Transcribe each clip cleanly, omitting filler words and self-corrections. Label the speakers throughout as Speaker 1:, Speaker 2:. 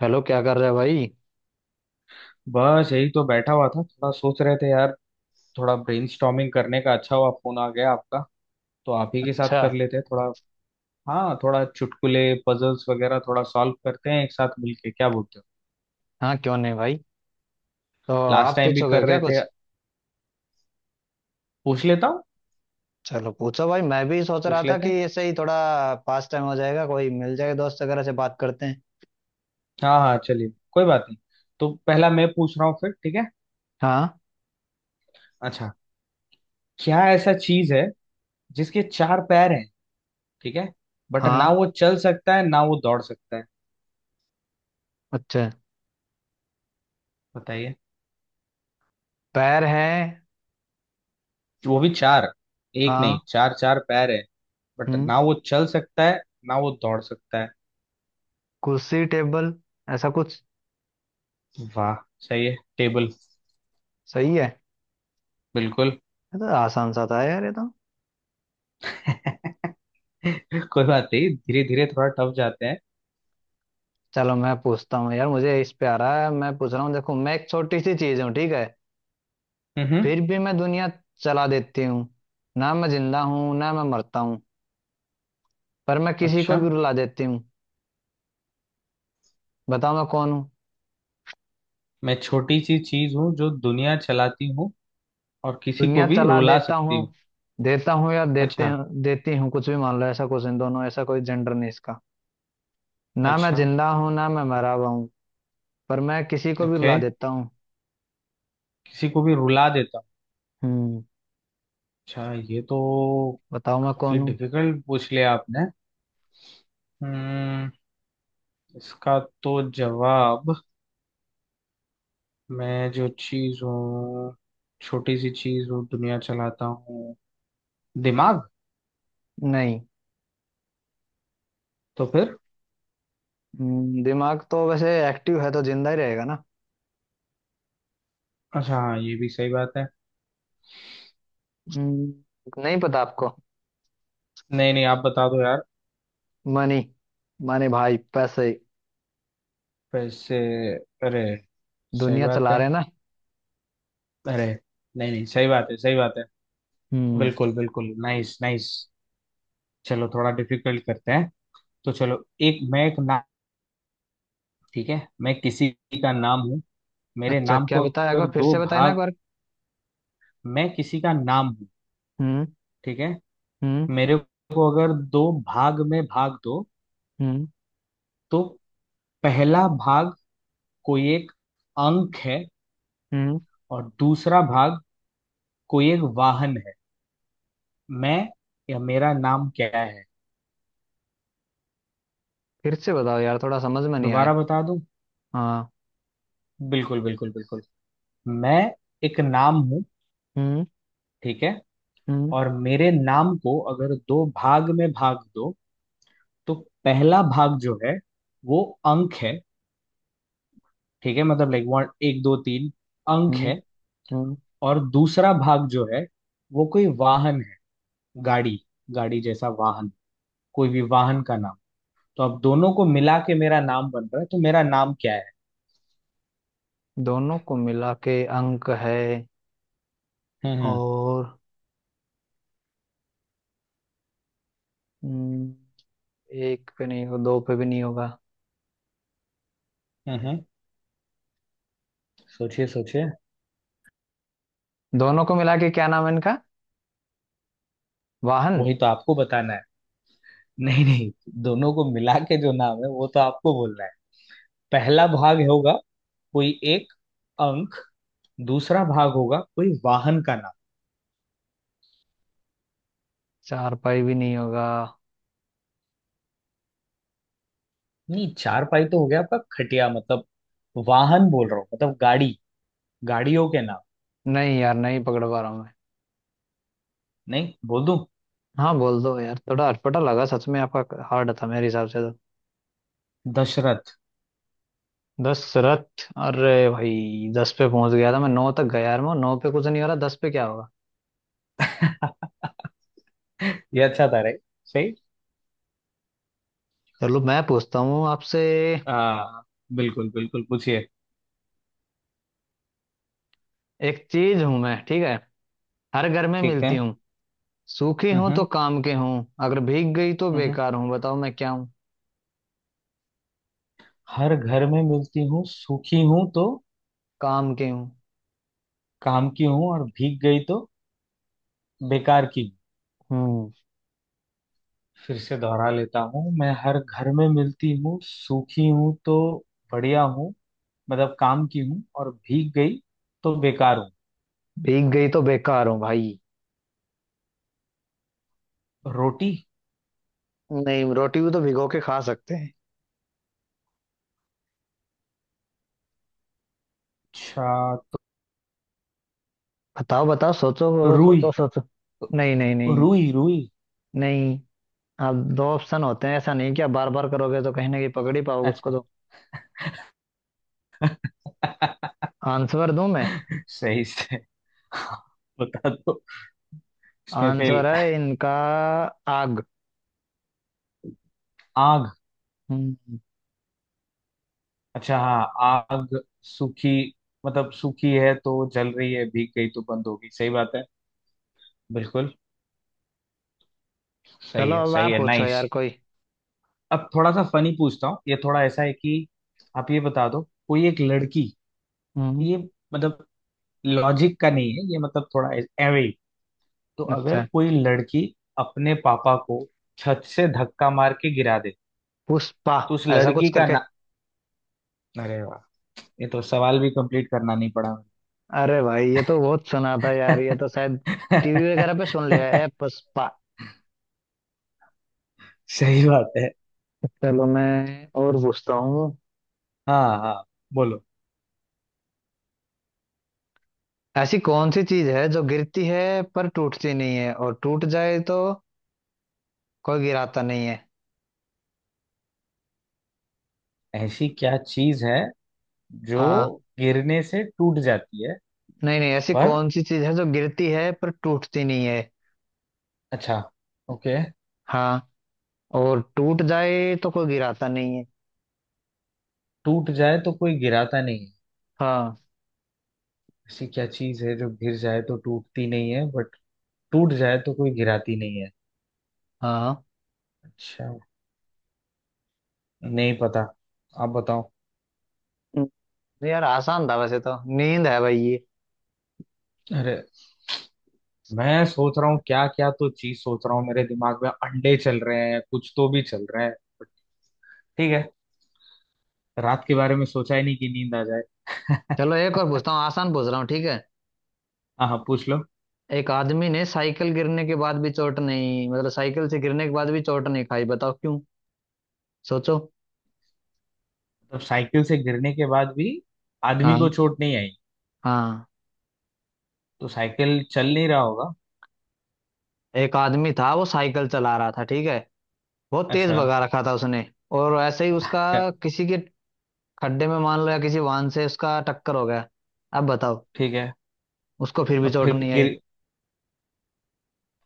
Speaker 1: Hello, क्या कर रहे हो भाई।
Speaker 2: बस यही तो बैठा हुआ था, थोड़ा सोच रहे थे यार। थोड़ा ब्रेनस्टॉर्मिंग करने का, अच्छा हुआ फोन आ गया आपका। तो आप ही के साथ
Speaker 1: अच्छा।
Speaker 2: कर लेते हैं थोड़ा। हाँ, थोड़ा चुटकुले, पजल्स वगैरह थोड़ा सॉल्व करते हैं एक साथ मिलके, क्या बोलते हो?
Speaker 1: हाँ, क्यों नहीं भाई। तो
Speaker 2: लास्ट
Speaker 1: आप
Speaker 2: टाइम भी
Speaker 1: पूछोगे
Speaker 2: कर
Speaker 1: क्या
Speaker 2: रहे
Speaker 1: कुछ?
Speaker 2: थे। पूछ लेता हूँ।
Speaker 1: चलो पूछो भाई, मैं भी सोच रहा
Speaker 2: पूछ
Speaker 1: था
Speaker 2: लेते
Speaker 1: कि
Speaker 2: हैं।
Speaker 1: ऐसे ही थोड़ा पास टाइम हो जाएगा, कोई मिल जाएगा, दोस्त वगैरह से बात करते हैं।
Speaker 2: हाँ हाँ, चलिए, कोई बात नहीं। तो पहला मैं पूछ रहा हूँ, फिर ठीक है?
Speaker 1: हाँ
Speaker 2: अच्छा। क्या ऐसा चीज है जिसके चार पैर हैं? ठीक है। बट
Speaker 1: हाँ।
Speaker 2: ना वो चल सकता है, ना वो दौड़ सकता है।
Speaker 1: अच्छा।
Speaker 2: बताइए।
Speaker 1: पैर है।
Speaker 2: वो भी चार। एक
Speaker 1: हाँ।
Speaker 2: नहीं, चार चार पैर है। बट
Speaker 1: हम्म।
Speaker 2: ना वो चल सकता है, ना वो दौड़ सकता है।
Speaker 1: कुर्सी, टेबल, ऐसा कुछ।
Speaker 2: वाह, सही है, टेबल।
Speaker 1: सही है।
Speaker 2: बिल्कुल।
Speaker 1: ये तो आसान सा था यार, ये तो।
Speaker 2: कोई बात नहीं, धीरे धीरे थोड़ा टफ जाते हैं।
Speaker 1: चलो मैं पूछता हूँ यार, मुझे इस पे आ रहा है, मैं पूछ रहा हूँ। देखो, मैं एक छोटी सी चीज हूँ, ठीक है?
Speaker 2: हम्म।
Speaker 1: फिर भी मैं दुनिया चला देती हूँ। ना मैं जिंदा हूँ ना मैं मरता हूँ, पर मैं किसी को
Speaker 2: अच्छा।
Speaker 1: भी रुला देती हूँ। बताओ मैं कौन हूँ?
Speaker 2: मैं छोटी सी चीज हूँ जो दुनिया चलाती हूँ, और किसी को
Speaker 1: दुनिया
Speaker 2: भी
Speaker 1: चला
Speaker 2: रुला
Speaker 1: देता हूँ।
Speaker 2: सकती हूँ।
Speaker 1: देता हूँ या देते,
Speaker 2: अच्छा।
Speaker 1: देती हूँ, कुछ भी मान लो। ऐसा कुछ, इन दोनों ऐसा कोई जेंडर नहीं इसका। ना मैं
Speaker 2: अच्छा।
Speaker 1: जिंदा हूँ ना मैं मरा हुआ हूँ, पर मैं किसी को भी
Speaker 2: ओके।
Speaker 1: रुला देता हूँ।
Speaker 2: किसी को भी रुला देता हूँ।
Speaker 1: हम्म।
Speaker 2: अच्छा, ये तो
Speaker 1: बताओ मैं
Speaker 2: काफी
Speaker 1: कौन हूँ?
Speaker 2: डिफिकल्ट पूछ लिया आपने। हम्म। इसका तो जवाब। मैं जो चीज हूँ, छोटी सी चीज हूँ, दुनिया चलाता हूँ। दिमाग।
Speaker 1: नहीं।
Speaker 2: तो फिर।
Speaker 1: दिमाग तो वैसे एक्टिव है तो जिंदा ही रहेगा ना।
Speaker 2: अच्छा हाँ, ये भी सही बात है।
Speaker 1: हम्म, नहीं पता आपको।
Speaker 2: नहीं नहीं, आप बता दो यार।
Speaker 1: मनी। मनी भाई, पैसे।
Speaker 2: पैसे। अरे। सही
Speaker 1: दुनिया
Speaker 2: बात
Speaker 1: चला
Speaker 2: है।
Speaker 1: रहे हैं ना।
Speaker 2: अरे। नहीं नहीं, सही बात है, सही बात है।
Speaker 1: हम्म।
Speaker 2: बिल्कुल बिल्कुल, नाइस नाइस। चलो, थोड़ा डिफिकल्ट करते हैं। तो चलो, एक मैं एक नाम। ठीक है, मैं किसी का नाम हूँ। मेरे
Speaker 1: अच्छा,
Speaker 2: नाम
Speaker 1: क्या
Speaker 2: को
Speaker 1: बताया एक बार
Speaker 2: अगर
Speaker 1: फिर
Speaker 2: दो
Speaker 1: से बताए ना एक
Speaker 2: भाग।
Speaker 1: बार।
Speaker 2: मैं किसी का नाम हूँ।
Speaker 1: हम्म।
Speaker 2: ठीक है।
Speaker 1: हम्म।
Speaker 2: मेरे को अगर दो भाग में भाग दो,
Speaker 1: हम्म।
Speaker 2: तो पहला भाग कोई एक अंक है,
Speaker 1: हम्म।
Speaker 2: और दूसरा भाग कोई एक वाहन है। मैं, या मेरा नाम क्या है?
Speaker 1: फिर से बताओ यार, थोड़ा समझ में नहीं आया।
Speaker 2: दोबारा बता दूं।
Speaker 1: हाँ।
Speaker 2: बिल्कुल बिल्कुल बिल्कुल। मैं एक नाम हूं।
Speaker 1: हम्म।
Speaker 2: ठीक है।
Speaker 1: हम्म।
Speaker 2: और मेरे नाम को अगर दो भाग में भाग दो, तो पहला भाग जो है वो अंक है। ठीक है, मतलब लाइक वन, एक, दो, तीन, अंक
Speaker 1: हम्म।
Speaker 2: है।
Speaker 1: हम्म।
Speaker 2: और दूसरा भाग जो है वो कोई वाहन है। गाड़ी, गाड़ी जैसा वाहन, कोई भी वाहन का नाम। तो अब दोनों को मिला के मेरा नाम बन रहा है, तो मेरा नाम क्या है?
Speaker 1: दोनों को मिला के अंक है
Speaker 2: हम्म
Speaker 1: और हम्म, एक पे नहीं हो, दो पे भी नहीं होगा।
Speaker 2: हम्म, सोचिए सोचिए।
Speaker 1: दोनों को मिला के क्या नाम है इनका? वाहन?
Speaker 2: वही तो आपको बताना है। नहीं नहीं, दोनों को मिला के जो नाम है वो तो आपको बोलना है। पहला भाग होगा कोई एक अंक, दूसरा भाग होगा कोई वाहन का नाम।
Speaker 1: चार पाई भी नहीं होगा?
Speaker 2: नहीं, चारपाई तो हो गया आपका, खटिया मतलब। वाहन बोल रहा हूँ, मतलब गाड़ी, गाड़ियों के नाम।
Speaker 1: नहीं यार, नहीं पकड़ पा रहा हूँ मैं।
Speaker 2: नहीं, बोल दूं?
Speaker 1: हाँ, बोल दो यार, थोड़ा अटपटा लगा सच में, आपका हार्ड था मेरे हिसाब से तो।
Speaker 2: दशरथ।
Speaker 1: दशरथ? अरे भाई, दस पे पहुंच गया था मैं, नौ तक गया यार, मैं नौ पे कुछ नहीं हो रहा, दस पे क्या होगा।
Speaker 2: ये अच्छा था रे। सही।
Speaker 1: चलो मैं पूछता हूँ आपसे।
Speaker 2: आ, बिल्कुल बिल्कुल पूछिए।
Speaker 1: एक चीज हूं मैं, ठीक है? हर घर में
Speaker 2: ठीक है।
Speaker 1: मिलती हूँ। सूखी हूं तो
Speaker 2: हम्म।
Speaker 1: काम के हूँ। अगर भीग गई तो
Speaker 2: हम्म।
Speaker 1: बेकार हूँ, बताओ मैं क्या हूँ।
Speaker 2: हर घर में मिलती हूँ, सूखी हूँ तो
Speaker 1: काम के हूँ।
Speaker 2: काम की हूँ, और भीग गई तो बेकार की हूँ।
Speaker 1: हम्म।
Speaker 2: फिर से दोहरा लेता हूँ, मैं हर घर में मिलती हूँ, सूखी हूँ तो बढ़िया हूँ, मतलब काम की हूँ, और भीग गई तो बेकार हूँ।
Speaker 1: भीग गई तो बेकार हूँ भाई।
Speaker 2: रोटी।
Speaker 1: नहीं, रोटी भी तो भिगो के खा सकते हैं।
Speaker 2: अच्छा तो।
Speaker 1: बताओ बताओ, सोचो।
Speaker 2: रुई,
Speaker 1: सोचो सोचो। नहीं नहीं नहीं
Speaker 2: रुई, रुई।
Speaker 1: नहीं। अब दो ऑप्शन होते हैं, ऐसा नहीं कि आप बार बार करोगे तो कहीं ना कहीं पकड़ ही पाओगे उसको
Speaker 2: अच्छा।
Speaker 1: तो। आंसर दूं मैं?
Speaker 2: सही से। हाँ, बता दो। इसमें
Speaker 1: आंसर
Speaker 2: फेल।
Speaker 1: है इनका, आग।
Speaker 2: आग।
Speaker 1: हम्म।
Speaker 2: अच्छा हाँ, आग, सूखी, मतलब सूखी है तो जल रही है, भीग गई तो बंद होगी, सही बात है। बिल्कुल। सही
Speaker 1: चलो
Speaker 2: है
Speaker 1: अब
Speaker 2: सही
Speaker 1: आप
Speaker 2: है,
Speaker 1: पूछो
Speaker 2: नाइस।
Speaker 1: यार कोई।
Speaker 2: अब थोड़ा सा फनी पूछता हूँ, ये थोड़ा ऐसा है कि आप ये बता दो। कोई एक लड़की,
Speaker 1: हम्म।
Speaker 2: ये मतलब लॉजिक का नहीं है ये, मतलब थोड़ा एवे। तो अगर
Speaker 1: अच्छा।
Speaker 2: कोई लड़की अपने पापा को छत से धक्का मार के गिरा दे,
Speaker 1: पुष्पा।
Speaker 2: तो उस
Speaker 1: ऐसा कुछ
Speaker 2: लड़की का
Speaker 1: करके।
Speaker 2: ना। अरे वाह, ये तो सवाल भी कंप्लीट करना नहीं पड़ा मुझे।
Speaker 1: अरे भाई, ये तो बहुत सुना था यार, ये तो शायद टीवी वगैरह पे सुन लिया है, पुष्पा।
Speaker 2: सही बात है।
Speaker 1: चलो मैं और पूछता हूँ।
Speaker 2: हाँ हाँ, बोलो।
Speaker 1: ऐसी कौन सी चीज है जो गिरती है पर टूटती नहीं है, और टूट जाए तो कोई गिराता नहीं है।
Speaker 2: ऐसी क्या चीज है जो
Speaker 1: हाँ।
Speaker 2: गिरने से टूट जाती है,
Speaker 1: नहीं नहीं, ऐसी
Speaker 2: पर?
Speaker 1: कौन सी चीज है जो गिरती है पर टूटती नहीं है।
Speaker 2: अच्छा, ओके।
Speaker 1: हाँ। और टूट जाए तो कोई गिराता नहीं है।
Speaker 2: टूट जाए तो कोई गिराता नहीं है।
Speaker 1: हाँ।
Speaker 2: ऐसी क्या चीज है जो गिर जाए तो टूटती नहीं है, बट टूट जाए तो कोई गिराती नहीं है।
Speaker 1: हाँ।
Speaker 2: अच्छा। नहीं पता। आप बताओ।
Speaker 1: हम्म, यार आसान था वैसे तो, नींद है भाई ये।
Speaker 2: अरे, मैं सोच रहा हूँ क्या क्या तो चीज सोच रहा हूँ, मेरे दिमाग में अंडे चल रहे हैं, कुछ तो भी चल रहे हैं, but ठीक है। रात के बारे में सोचा ही नहीं कि नींद आ जाए।
Speaker 1: चलो एक और पूछता हूँ, आसान पूछ रहा हूँ, ठीक है?
Speaker 2: हाँ हाँ, पूछ लो।
Speaker 1: एक आदमी ने साइकिल गिरने के बाद भी चोट नहीं, मतलब साइकिल से गिरने के बाद भी चोट नहीं खाई, बताओ क्यों। सोचो।
Speaker 2: तो साइकिल से गिरने के बाद भी आदमी
Speaker 1: हाँ।
Speaker 2: को चोट नहीं आई।
Speaker 1: हाँ।
Speaker 2: तो साइकिल चल नहीं रहा होगा।
Speaker 1: एक आदमी था, वो साइकिल चला रहा था, ठीक है? बहुत तेज
Speaker 2: अच्छा।
Speaker 1: भगा रखा था उसने। और ऐसे ही उसका किसी के खड्डे में, मान लो, या किसी वाहन से उसका टक्कर हो गया। अब बताओ,
Speaker 2: ठीक है।
Speaker 1: उसको फिर भी
Speaker 2: अब
Speaker 1: चोट
Speaker 2: फिर भी
Speaker 1: नहीं आई।
Speaker 2: गिर,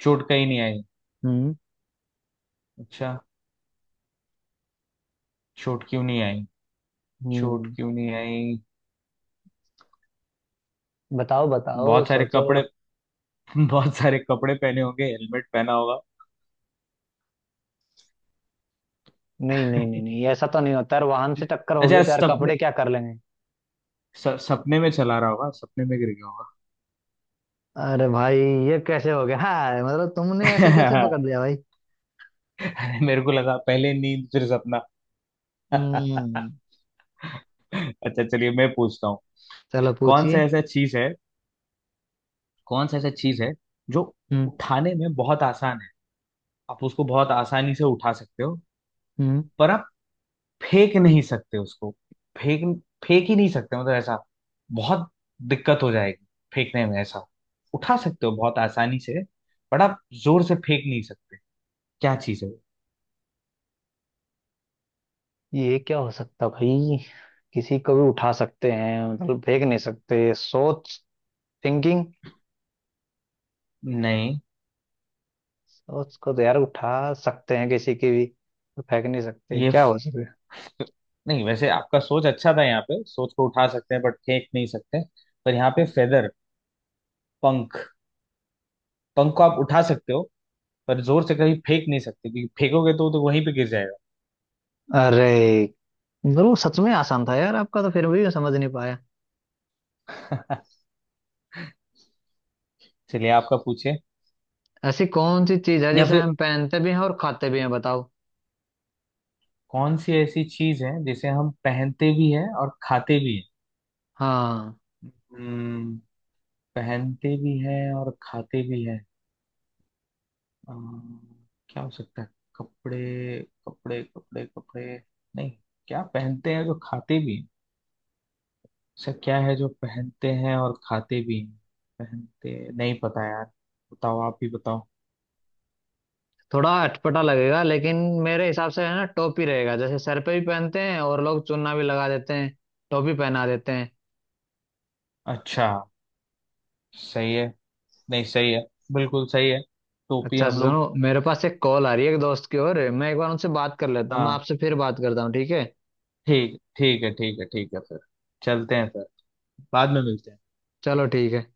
Speaker 2: चोट कहीं नहीं आई।
Speaker 1: हम्म।
Speaker 2: अच्छा, चोट क्यों नहीं आई? चोट
Speaker 1: हम्म।
Speaker 2: क्यों नहीं आई?
Speaker 1: बताओ बताओ
Speaker 2: बहुत सारे
Speaker 1: सोचो।
Speaker 2: कपड़े। बहुत सारे कपड़े पहने होंगे, हेलमेट पहना होगा।
Speaker 1: नहीं नहीं नहीं नहीं, ऐसा तो नहीं होता यार, वाहन से टक्कर होगी
Speaker 2: अच्छा,
Speaker 1: तो यार
Speaker 2: सपने,
Speaker 1: कपड़े क्या कर लेंगे।
Speaker 2: सपने में चला रहा होगा, सपने में गिर गया होगा।
Speaker 1: अरे भाई, ये कैसे हो गया, हाँ, मतलब तुमने ऐसा कैसे पकड़ लिया भाई।
Speaker 2: अरे मेरे को लगा पहले नींद, फिर सपना।
Speaker 1: हम्म।
Speaker 2: अच्छा, चलिए मैं पूछता हूँ।
Speaker 1: चलो
Speaker 2: कौन सा
Speaker 1: पूछिए।
Speaker 2: ऐसा चीज है, कौन सा ऐसा चीज है जो
Speaker 1: हम्म।
Speaker 2: उठाने में बहुत आसान है? आप उसको बहुत आसानी से उठा सकते हो,
Speaker 1: हम्म।
Speaker 2: पर फेंक नहीं सकते उसको। फेंक फेंक ही नहीं सकते, मतलब ऐसा बहुत दिक्कत हो जाएगी फेंकने में। ऐसा उठा सकते हो बहुत आसानी से, बट आप जोर से फेंक नहीं सकते। क्या चीज है वो?
Speaker 1: ये क्या हो सकता भाई। किसी को भी उठा सकते हैं मतलब, फेंक नहीं सकते। सोच। थिंकिंग।
Speaker 2: नहीं,
Speaker 1: सोच को तो यार उठा सकते हैं किसी की भी, तो फेंक नहीं सकते,
Speaker 2: ये
Speaker 1: क्या
Speaker 2: फ-,
Speaker 1: हो सकता है?
Speaker 2: नहीं, वैसे आपका सोच अच्छा था, यहाँ पे सोच को उठा सकते हैं बट फेंक नहीं सकते। पर यहाँ पे फेदर, पंख। पंख को आप उठा सकते हो, पर जोर से कहीं फेंक नहीं सकते, क्योंकि फेंकोगे तो वहीं पे गिर जाएगा।
Speaker 1: अरे, मतलब वो सच में आसान था यार आपका, तो फिर भी मैं समझ नहीं पाया।
Speaker 2: चलिए, आपका पूछिए।
Speaker 1: ऐसी कौन सी चीज है
Speaker 2: या
Speaker 1: जिसे
Speaker 2: फिर
Speaker 1: हम पहनते भी हैं और खाते भी हैं, बताओ।
Speaker 2: कौन सी ऐसी चीज है जिसे हम पहनते भी हैं और खाते भी
Speaker 1: हाँ।
Speaker 2: हैं? हम्म, पहनते भी हैं और खाते भी हैं। अम, क्या हो सकता है? कपड़े, कपड़े, कपड़े, कपड़े। नहीं। क्या पहनते हैं जो खाते भी हैं? ऐसा क्या है जो पहनते हैं और खाते भी हैं? पहनते, नहीं पता यार। बताओ, आप ही बताओ।
Speaker 1: थोड़ा अटपटा लगेगा लेकिन मेरे हिसाब से है ना, टोपी रहेगा, जैसे सर पे भी पहनते हैं और लोग चुन्ना भी लगा देते हैं, टोपी पहना देते हैं।
Speaker 2: अच्छा, सही है। नहीं, सही है। बिल्कुल सही है। टोपी,
Speaker 1: अच्छा
Speaker 2: हम लोग।
Speaker 1: सुनो, मेरे पास एक कॉल आ रही है एक दोस्त की ओर, मैं एक बार उनसे बात कर लेता हूँ, मैं
Speaker 2: हाँ।
Speaker 1: आपसे फिर बात करता हूँ, ठीक है?
Speaker 2: ठीक, ठीक है, ठीक है, ठीक है, फिर चलते हैं फिर। बाद में मिलते हैं।
Speaker 1: चलो ठीक है।